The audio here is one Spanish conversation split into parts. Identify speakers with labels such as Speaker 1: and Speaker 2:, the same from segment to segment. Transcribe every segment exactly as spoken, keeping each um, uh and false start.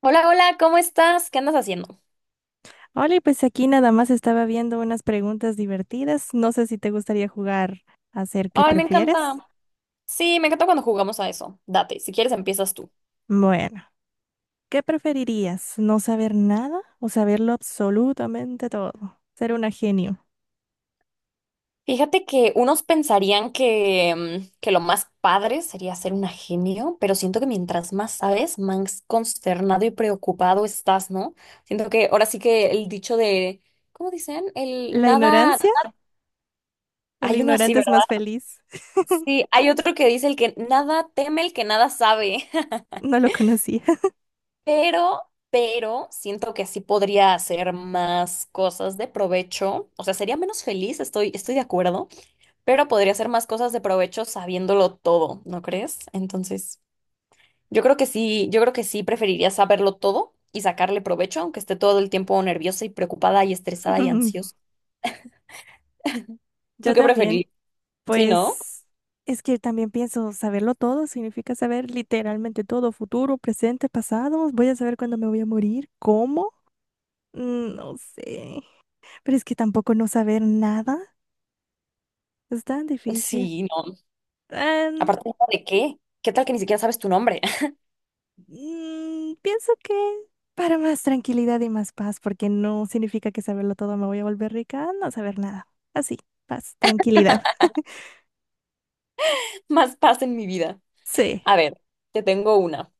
Speaker 1: Hola, hola, ¿cómo estás? ¿Qué andas haciendo?
Speaker 2: Hola, y pues aquí nada más estaba viendo unas preguntas divertidas. No sé si te gustaría jugar a hacer qué
Speaker 1: Ay, me encanta.
Speaker 2: prefieres.
Speaker 1: Sí, me encanta cuando jugamos a eso. Date, si quieres empiezas tú.
Speaker 2: Bueno, ¿qué preferirías? ¿No saber nada o saberlo absolutamente todo? Ser una genio.
Speaker 1: Fíjate que unos pensarían que, mm, que lo más padre sería ser un genio, pero siento que mientras más sabes, más consternado y preocupado estás, ¿no? Siento que ahora sí que el dicho de, ¿cómo dicen? El
Speaker 2: ¿La
Speaker 1: nada,
Speaker 2: ignorancia? El
Speaker 1: hay uno así,
Speaker 2: ignorante es
Speaker 1: ¿verdad?
Speaker 2: más feliz.
Speaker 1: Sí, hay otro que dice el que nada teme el que nada sabe.
Speaker 2: No lo conocía.
Speaker 1: Pero, pero siento que sí podría hacer más cosas de provecho. O sea, sería menos feliz, estoy, estoy de acuerdo, pero podría hacer más cosas de provecho sabiéndolo todo, ¿no crees? Entonces, yo creo que sí, yo creo que sí preferiría saberlo todo y sacarle provecho, aunque esté todo el tiempo nerviosa y preocupada y estresada y ansiosa. ¿Tú
Speaker 2: Yo
Speaker 1: qué
Speaker 2: también.
Speaker 1: preferirías? Sí, ¿no?
Speaker 2: Pues es que también pienso, saberlo todo significa saber literalmente todo, futuro, presente, pasado. Voy a saber cuándo me voy a morir, cómo. Mm, No sé. Pero es que tampoco no saber nada es tan difícil.
Speaker 1: Sí, no.
Speaker 2: Em,
Speaker 1: ¿Aparte, no, de qué? ¿Qué tal que ni siquiera sabes tu nombre?
Speaker 2: mm, pienso que para más tranquilidad y más paz, porque no significa que saberlo todo me voy a volver rica, no saber nada. Así, paz, tranquilidad.
Speaker 1: Más paz en mi vida.
Speaker 2: Sí.
Speaker 1: A ver, te tengo una.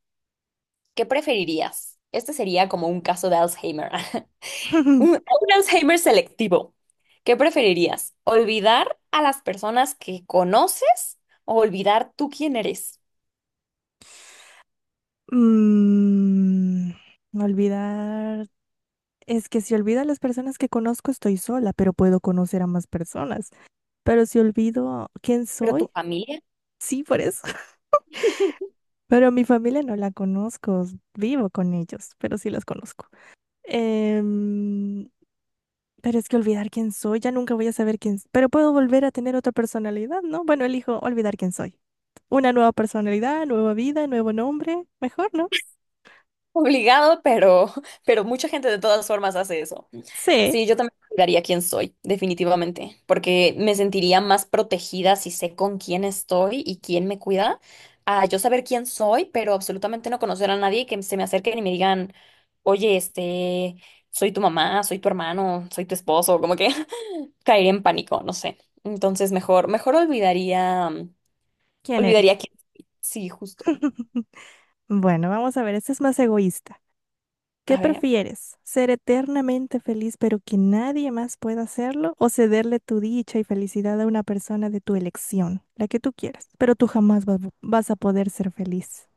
Speaker 1: ¿Qué preferirías? Este sería como un caso de Alzheimer, un, un Alzheimer selectivo. ¿Qué preferirías? ¿Olvidar a las personas que conoces o olvidar tú quién eres?
Speaker 2: Mm, olvidar. Es que si olvido a las personas que conozco, estoy sola, pero puedo conocer a más personas. Pero si olvido quién
Speaker 1: Pero tu
Speaker 2: soy,
Speaker 1: familia,
Speaker 2: sí, por eso. Pero mi familia no la conozco, vivo con ellos, pero sí los conozco. Em, pero es que olvidar quién soy, ya nunca voy a saber quién, pero puedo volver a tener otra personalidad, ¿no? Bueno, elijo olvidar quién soy. Una nueva personalidad, nueva vida, nuevo nombre, mejor, ¿no?
Speaker 1: obligado, pero, pero mucha gente de todas formas hace eso.
Speaker 2: Sé
Speaker 1: Sí, yo también cuidaría quién soy, definitivamente, porque me sentiría más protegida si sé con quién estoy y quién me cuida, a yo saber quién soy, pero absolutamente no conocer a nadie y que se me acerquen y me digan, oye, este, soy tu mamá, soy tu hermano, soy tu esposo, como que caería en pánico, no sé. Entonces, mejor, mejor olvidaría, mm,
Speaker 2: quién
Speaker 1: olvidaría
Speaker 2: eres.
Speaker 1: quién soy. Sí, justo.
Speaker 2: Bueno, vamos a ver, este es más egoísta. ¿Qué
Speaker 1: A ver.
Speaker 2: prefieres? ¿Ser eternamente feliz pero que nadie más pueda hacerlo? ¿O cederle tu dicha y felicidad a una persona de tu elección, la que tú quieras? Pero tú jamás va- vas a poder ser feliz.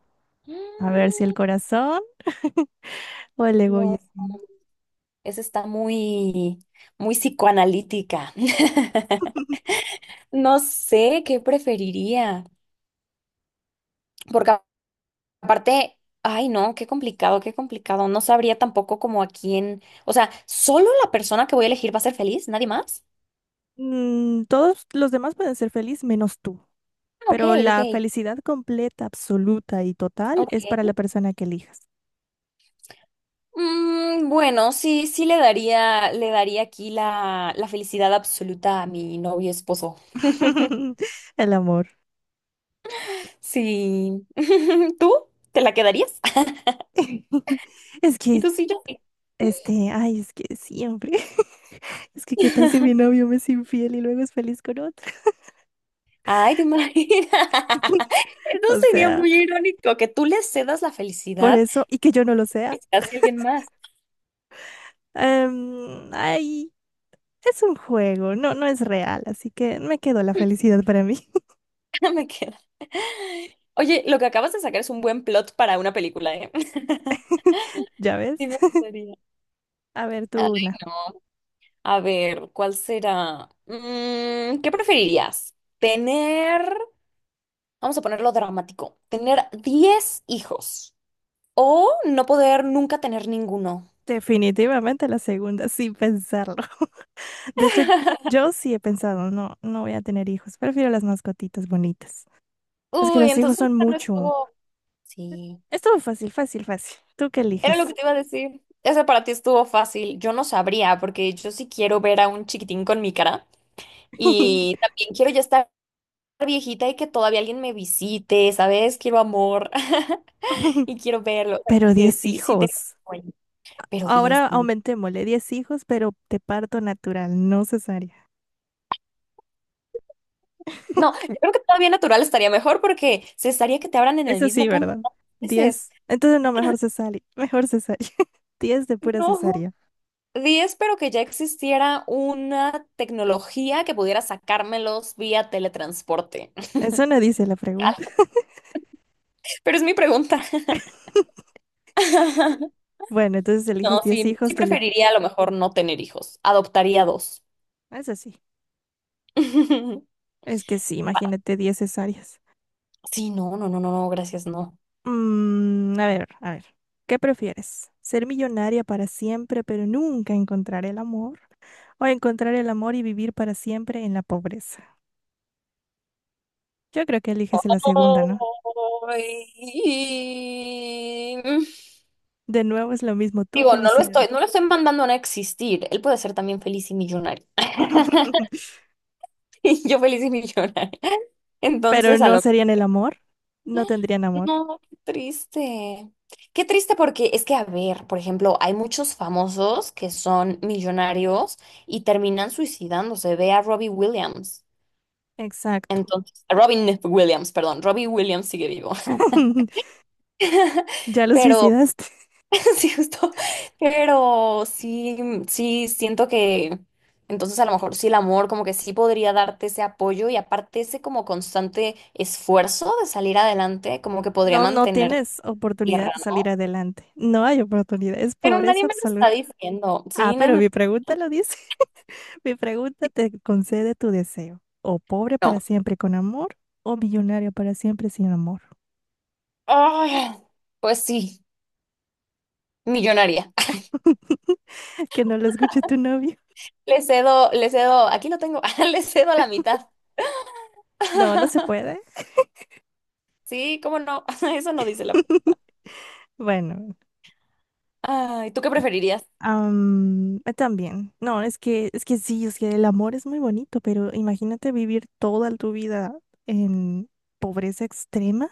Speaker 2: A ver
Speaker 1: Mm,
Speaker 2: si el corazón o el
Speaker 1: no,
Speaker 2: egoísmo.
Speaker 1: esa está muy, muy psicoanalítica. No sé qué preferiría, porque a- aparte, ay no, qué complicado, qué complicado. No sabría tampoco como a quién, o sea, solo la persona que voy a elegir va a ser feliz, nadie más.
Speaker 2: Mm, todos los demás pueden ser feliz menos tú,
Speaker 1: Ah, ok,
Speaker 2: pero
Speaker 1: ok,
Speaker 2: la felicidad completa, absoluta y total es para la
Speaker 1: ok.
Speaker 2: persona que elijas.
Speaker 1: Mm, bueno, sí, sí le daría, le daría aquí la, la felicidad absoluta a mi novio esposo.
Speaker 2: El amor.
Speaker 1: Sí. ¿Tú? ¿Te la quedarías?
Speaker 2: Es
Speaker 1: ¿Y
Speaker 2: que,
Speaker 1: tú sí, yo? ¿Sí?
Speaker 2: este, ay, es que siempre. Es que qué tal si mi novio me es infiel y luego es feliz con otro.
Speaker 1: Ay, ¿te imaginas? Eso
Speaker 2: O
Speaker 1: sería
Speaker 2: sea,
Speaker 1: muy irónico, que tú le cedas la
Speaker 2: por
Speaker 1: felicidad
Speaker 2: eso, y que yo no lo
Speaker 1: y
Speaker 2: sea.
Speaker 1: se la des a alguien más.
Speaker 2: Em, ay, es un juego, no, no es real, así que me quedo la felicidad para mí.
Speaker 1: Me queda. Oye, lo que acabas de sacar es un buen plot para una película, ¿eh?
Speaker 2: ¿Ya ves?
Speaker 1: Sí me gustaría.
Speaker 2: A ver,
Speaker 1: Ay,
Speaker 2: tú una.
Speaker 1: no. A ver, ¿cuál será? Mm, ¿qué preferirías? Tener, vamos a ponerlo dramático, tener diez hijos o no poder nunca tener ninguno.
Speaker 2: Definitivamente la segunda, sin pensarlo. De hecho, yo sí he pensado, no, no voy a tener hijos. Prefiero las mascotitas bonitas. Es que
Speaker 1: Uy,
Speaker 2: los hijos
Speaker 1: entonces
Speaker 2: son
Speaker 1: no
Speaker 2: mucho.
Speaker 1: estuvo. Sí.
Speaker 2: Estuvo fácil, fácil, fácil. ¿Tú qué
Speaker 1: Era lo
Speaker 2: eliges?
Speaker 1: que te iba a decir. Ese para ti estuvo fácil. Yo no sabría, porque yo sí quiero ver a un chiquitín con mi cara. Y también quiero ya estar viejita y que todavía alguien me visite, ¿sabes? Quiero amor y quiero verlo. O sea, como
Speaker 2: Pero
Speaker 1: que
Speaker 2: diez
Speaker 1: sí, sí tengo
Speaker 2: hijos.
Speaker 1: sueño, pero diez
Speaker 2: Ahora
Speaker 1: sí.
Speaker 2: aumentémosle diez hijos, pero de parto natural, no cesárea.
Speaker 1: No, yo creo que todavía natural estaría mejor porque se estaría que te abran en el
Speaker 2: Eso sí,
Speaker 1: mismo punto
Speaker 2: ¿verdad?
Speaker 1: dos veces.
Speaker 2: Diez, entonces no, mejor cesárea. Mejor cesárea. Diez de pura
Speaker 1: No,
Speaker 2: cesárea.
Speaker 1: diez pero que ya existiera una tecnología que pudiera sacármelos vía teletransporte.
Speaker 2: Eso no dice la pregunta.
Speaker 1: Pero es mi pregunta.
Speaker 2: Bueno, entonces eliges
Speaker 1: No,
Speaker 2: diez
Speaker 1: sí,
Speaker 2: hijos,
Speaker 1: sí
Speaker 2: te le...
Speaker 1: preferiría a lo mejor no tener hijos. Adoptaría dos.
Speaker 2: Eso sí. Es que sí, imagínate diez cesáreas.
Speaker 1: Sí, no, no, no, no, no, gracias, no.
Speaker 2: Mm, a ver, a ver. ¿Qué prefieres? ¿Ser millonaria para siempre, pero nunca encontrar el amor? ¿O encontrar el amor y vivir para siempre en la pobreza? Yo creo que eliges la segunda, ¿no?
Speaker 1: Ay.
Speaker 2: De nuevo es lo mismo, tu
Speaker 1: Digo, no lo
Speaker 2: felicidad.
Speaker 1: estoy, no lo estoy mandando a no existir. Él puede ser también feliz y millonario. Y yo feliz y millonaria.
Speaker 2: Pero
Speaker 1: Entonces, a
Speaker 2: no
Speaker 1: lo...
Speaker 2: serían el amor, no tendrían amor.
Speaker 1: No, qué triste. Qué triste porque es que, a ver, por ejemplo, hay muchos famosos que son millonarios y terminan suicidándose. Ve a Robbie Williams.
Speaker 2: Exacto.
Speaker 1: Entonces, Robin Williams, perdón, Robbie Williams sigue vivo.
Speaker 2: Ya lo
Speaker 1: Pero,
Speaker 2: suicidaste.
Speaker 1: sí, justo, pero sí, sí, siento que entonces a lo mejor sí el amor como que sí podría darte ese apoyo y aparte ese como constante esfuerzo de salir adelante, como que podría
Speaker 2: No, no
Speaker 1: mantenerte en
Speaker 2: tienes oportunidad
Speaker 1: tierra,
Speaker 2: de salir
Speaker 1: ¿no?
Speaker 2: adelante. No hay oportunidad, es
Speaker 1: Pero
Speaker 2: pobreza
Speaker 1: nadie me lo está
Speaker 2: absoluta.
Speaker 1: diciendo,
Speaker 2: Ah,
Speaker 1: sí, nadie
Speaker 2: pero
Speaker 1: me lo...
Speaker 2: mi pregunta lo dice. Mi pregunta te concede tu deseo. O pobre para
Speaker 1: No.
Speaker 2: siempre con amor, o millonario para siempre sin amor.
Speaker 1: Ay, pues sí, millonaria.
Speaker 2: Que no lo escuche tu novio.
Speaker 1: Le cedo, le cedo, aquí lo tengo, le cedo la mitad.
Speaker 2: No, no se puede.
Speaker 1: Sí, cómo no, eso no dice la.
Speaker 2: Bueno.
Speaker 1: Ay, ¿tú qué preferirías?
Speaker 2: Am, eh, también. No, es que, es que sí, es que el amor es muy bonito, pero imagínate vivir toda tu vida en pobreza extrema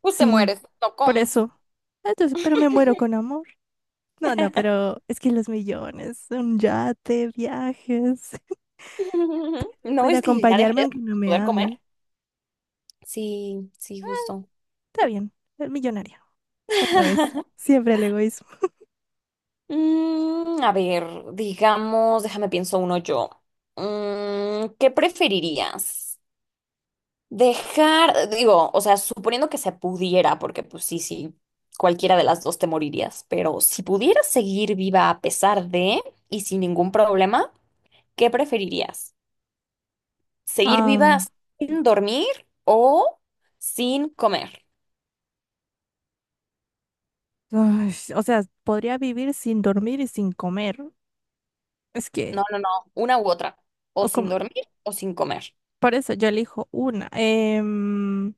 Speaker 1: Pues te
Speaker 2: sin
Speaker 1: mueres, no
Speaker 2: por
Speaker 1: comes.
Speaker 2: eso. Ah, entonces, pero me muero con amor. No, no, pero es que los millones, un yate, viajes,
Speaker 1: No,
Speaker 2: puede
Speaker 1: es que ya
Speaker 2: acompañarme
Speaker 1: dejarías
Speaker 2: aunque no
Speaker 1: de
Speaker 2: me
Speaker 1: poder comer.
Speaker 2: ame.
Speaker 1: Sí, sí, justo.
Speaker 2: Está bien, el millonario. Otra vez. Siempre el egoísmo.
Speaker 1: Mm, a ver, digamos, déjame pienso uno yo. Mm, ¿qué preferirías? Dejar, digo, o sea, suponiendo que se pudiera, porque pues sí, sí, cualquiera de las dos te morirías, pero si pudieras seguir viva a pesar de y sin ningún problema, ¿qué preferirías? Seguir viva
Speaker 2: Am,
Speaker 1: sin dormir o sin comer.
Speaker 2: ay, o sea, podría vivir sin dormir y sin comer. Es
Speaker 1: No,
Speaker 2: que,
Speaker 1: no, no, una u otra.
Speaker 2: o
Speaker 1: O sin
Speaker 2: como
Speaker 1: dormir o sin comer.
Speaker 2: Por eso yo elijo una. Em,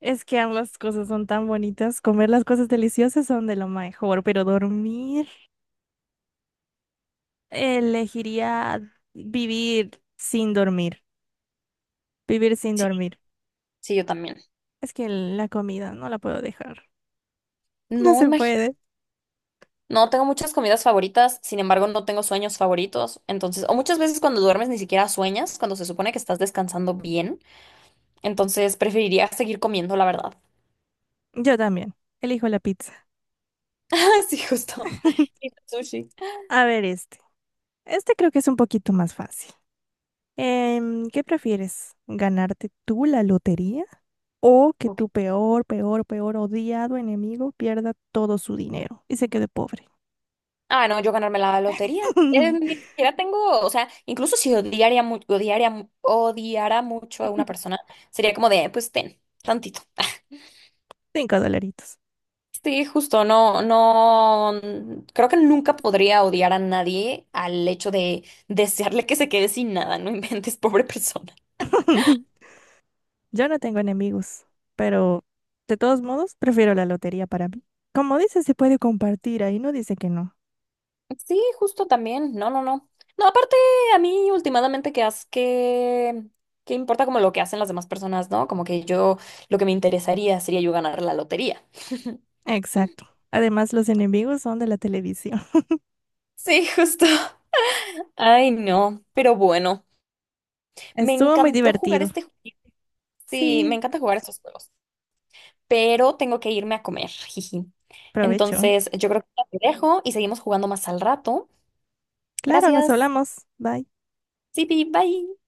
Speaker 2: es que ambas cosas son tan bonitas. Comer las cosas deliciosas son de lo mejor, pero dormir, elegiría vivir sin dormir. Vivir sin
Speaker 1: Sí,
Speaker 2: dormir.
Speaker 1: sí, yo también.
Speaker 2: Es que la comida no la puedo dejar. No
Speaker 1: No,
Speaker 2: se
Speaker 1: imagino.
Speaker 2: puede.
Speaker 1: No, tengo muchas comidas favoritas, sin embargo, no tengo sueños favoritos. Entonces, o muchas veces cuando duermes ni siquiera sueñas, cuando se supone que estás descansando bien. Entonces, preferiría seguir comiendo, la verdad.
Speaker 2: Yo también. Elijo la pizza.
Speaker 1: Sí, justo. Y sushi.
Speaker 2: A ver este. Este creo que es un poquito más fácil. Em, ¿qué prefieres? ¿Ganarte tú la lotería? O que
Speaker 1: Ok.
Speaker 2: tu peor, peor, peor odiado enemigo pierda todo su dinero y se quede pobre.
Speaker 1: Ah, no, yo ganarme la lotería. Eh, ni siquiera tengo, o sea, incluso si odiaría, mu- odiaría, mu- odiara mucho a una persona, sería como de, pues ten, tantito.
Speaker 2: Cinco dolaritos.
Speaker 1: Sí, justo, no, no, mm, creo que nunca podría odiar a nadie al hecho de desearle que se quede sin nada, no inventes, pobre persona.
Speaker 2: Yo no tengo enemigos, pero de todos modos prefiero la lotería para mí. Como dice, se puede compartir, ahí no dice que no.
Speaker 1: Sí, justo también, no, no, no. No, aparte, a mí últimamente que haz que, que importa como lo que hacen las demás personas, ¿no? Como que yo, lo que me interesaría sería yo ganar la lotería.
Speaker 2: Exacto. Además, los enemigos son de la televisión.
Speaker 1: Sí, justo. Ay, no, pero bueno, me
Speaker 2: Estuvo muy
Speaker 1: encantó jugar
Speaker 2: divertido.
Speaker 1: este. ju- Sí, me
Speaker 2: Sí,
Speaker 1: encanta jugar estos juegos, pero tengo que irme a comer, jiji.
Speaker 2: provecho.
Speaker 1: Entonces, yo creo que ya te dejo y seguimos jugando más al rato.
Speaker 2: Claro, nos
Speaker 1: Gracias.
Speaker 2: hablamos. Bye.
Speaker 1: Sí, bye.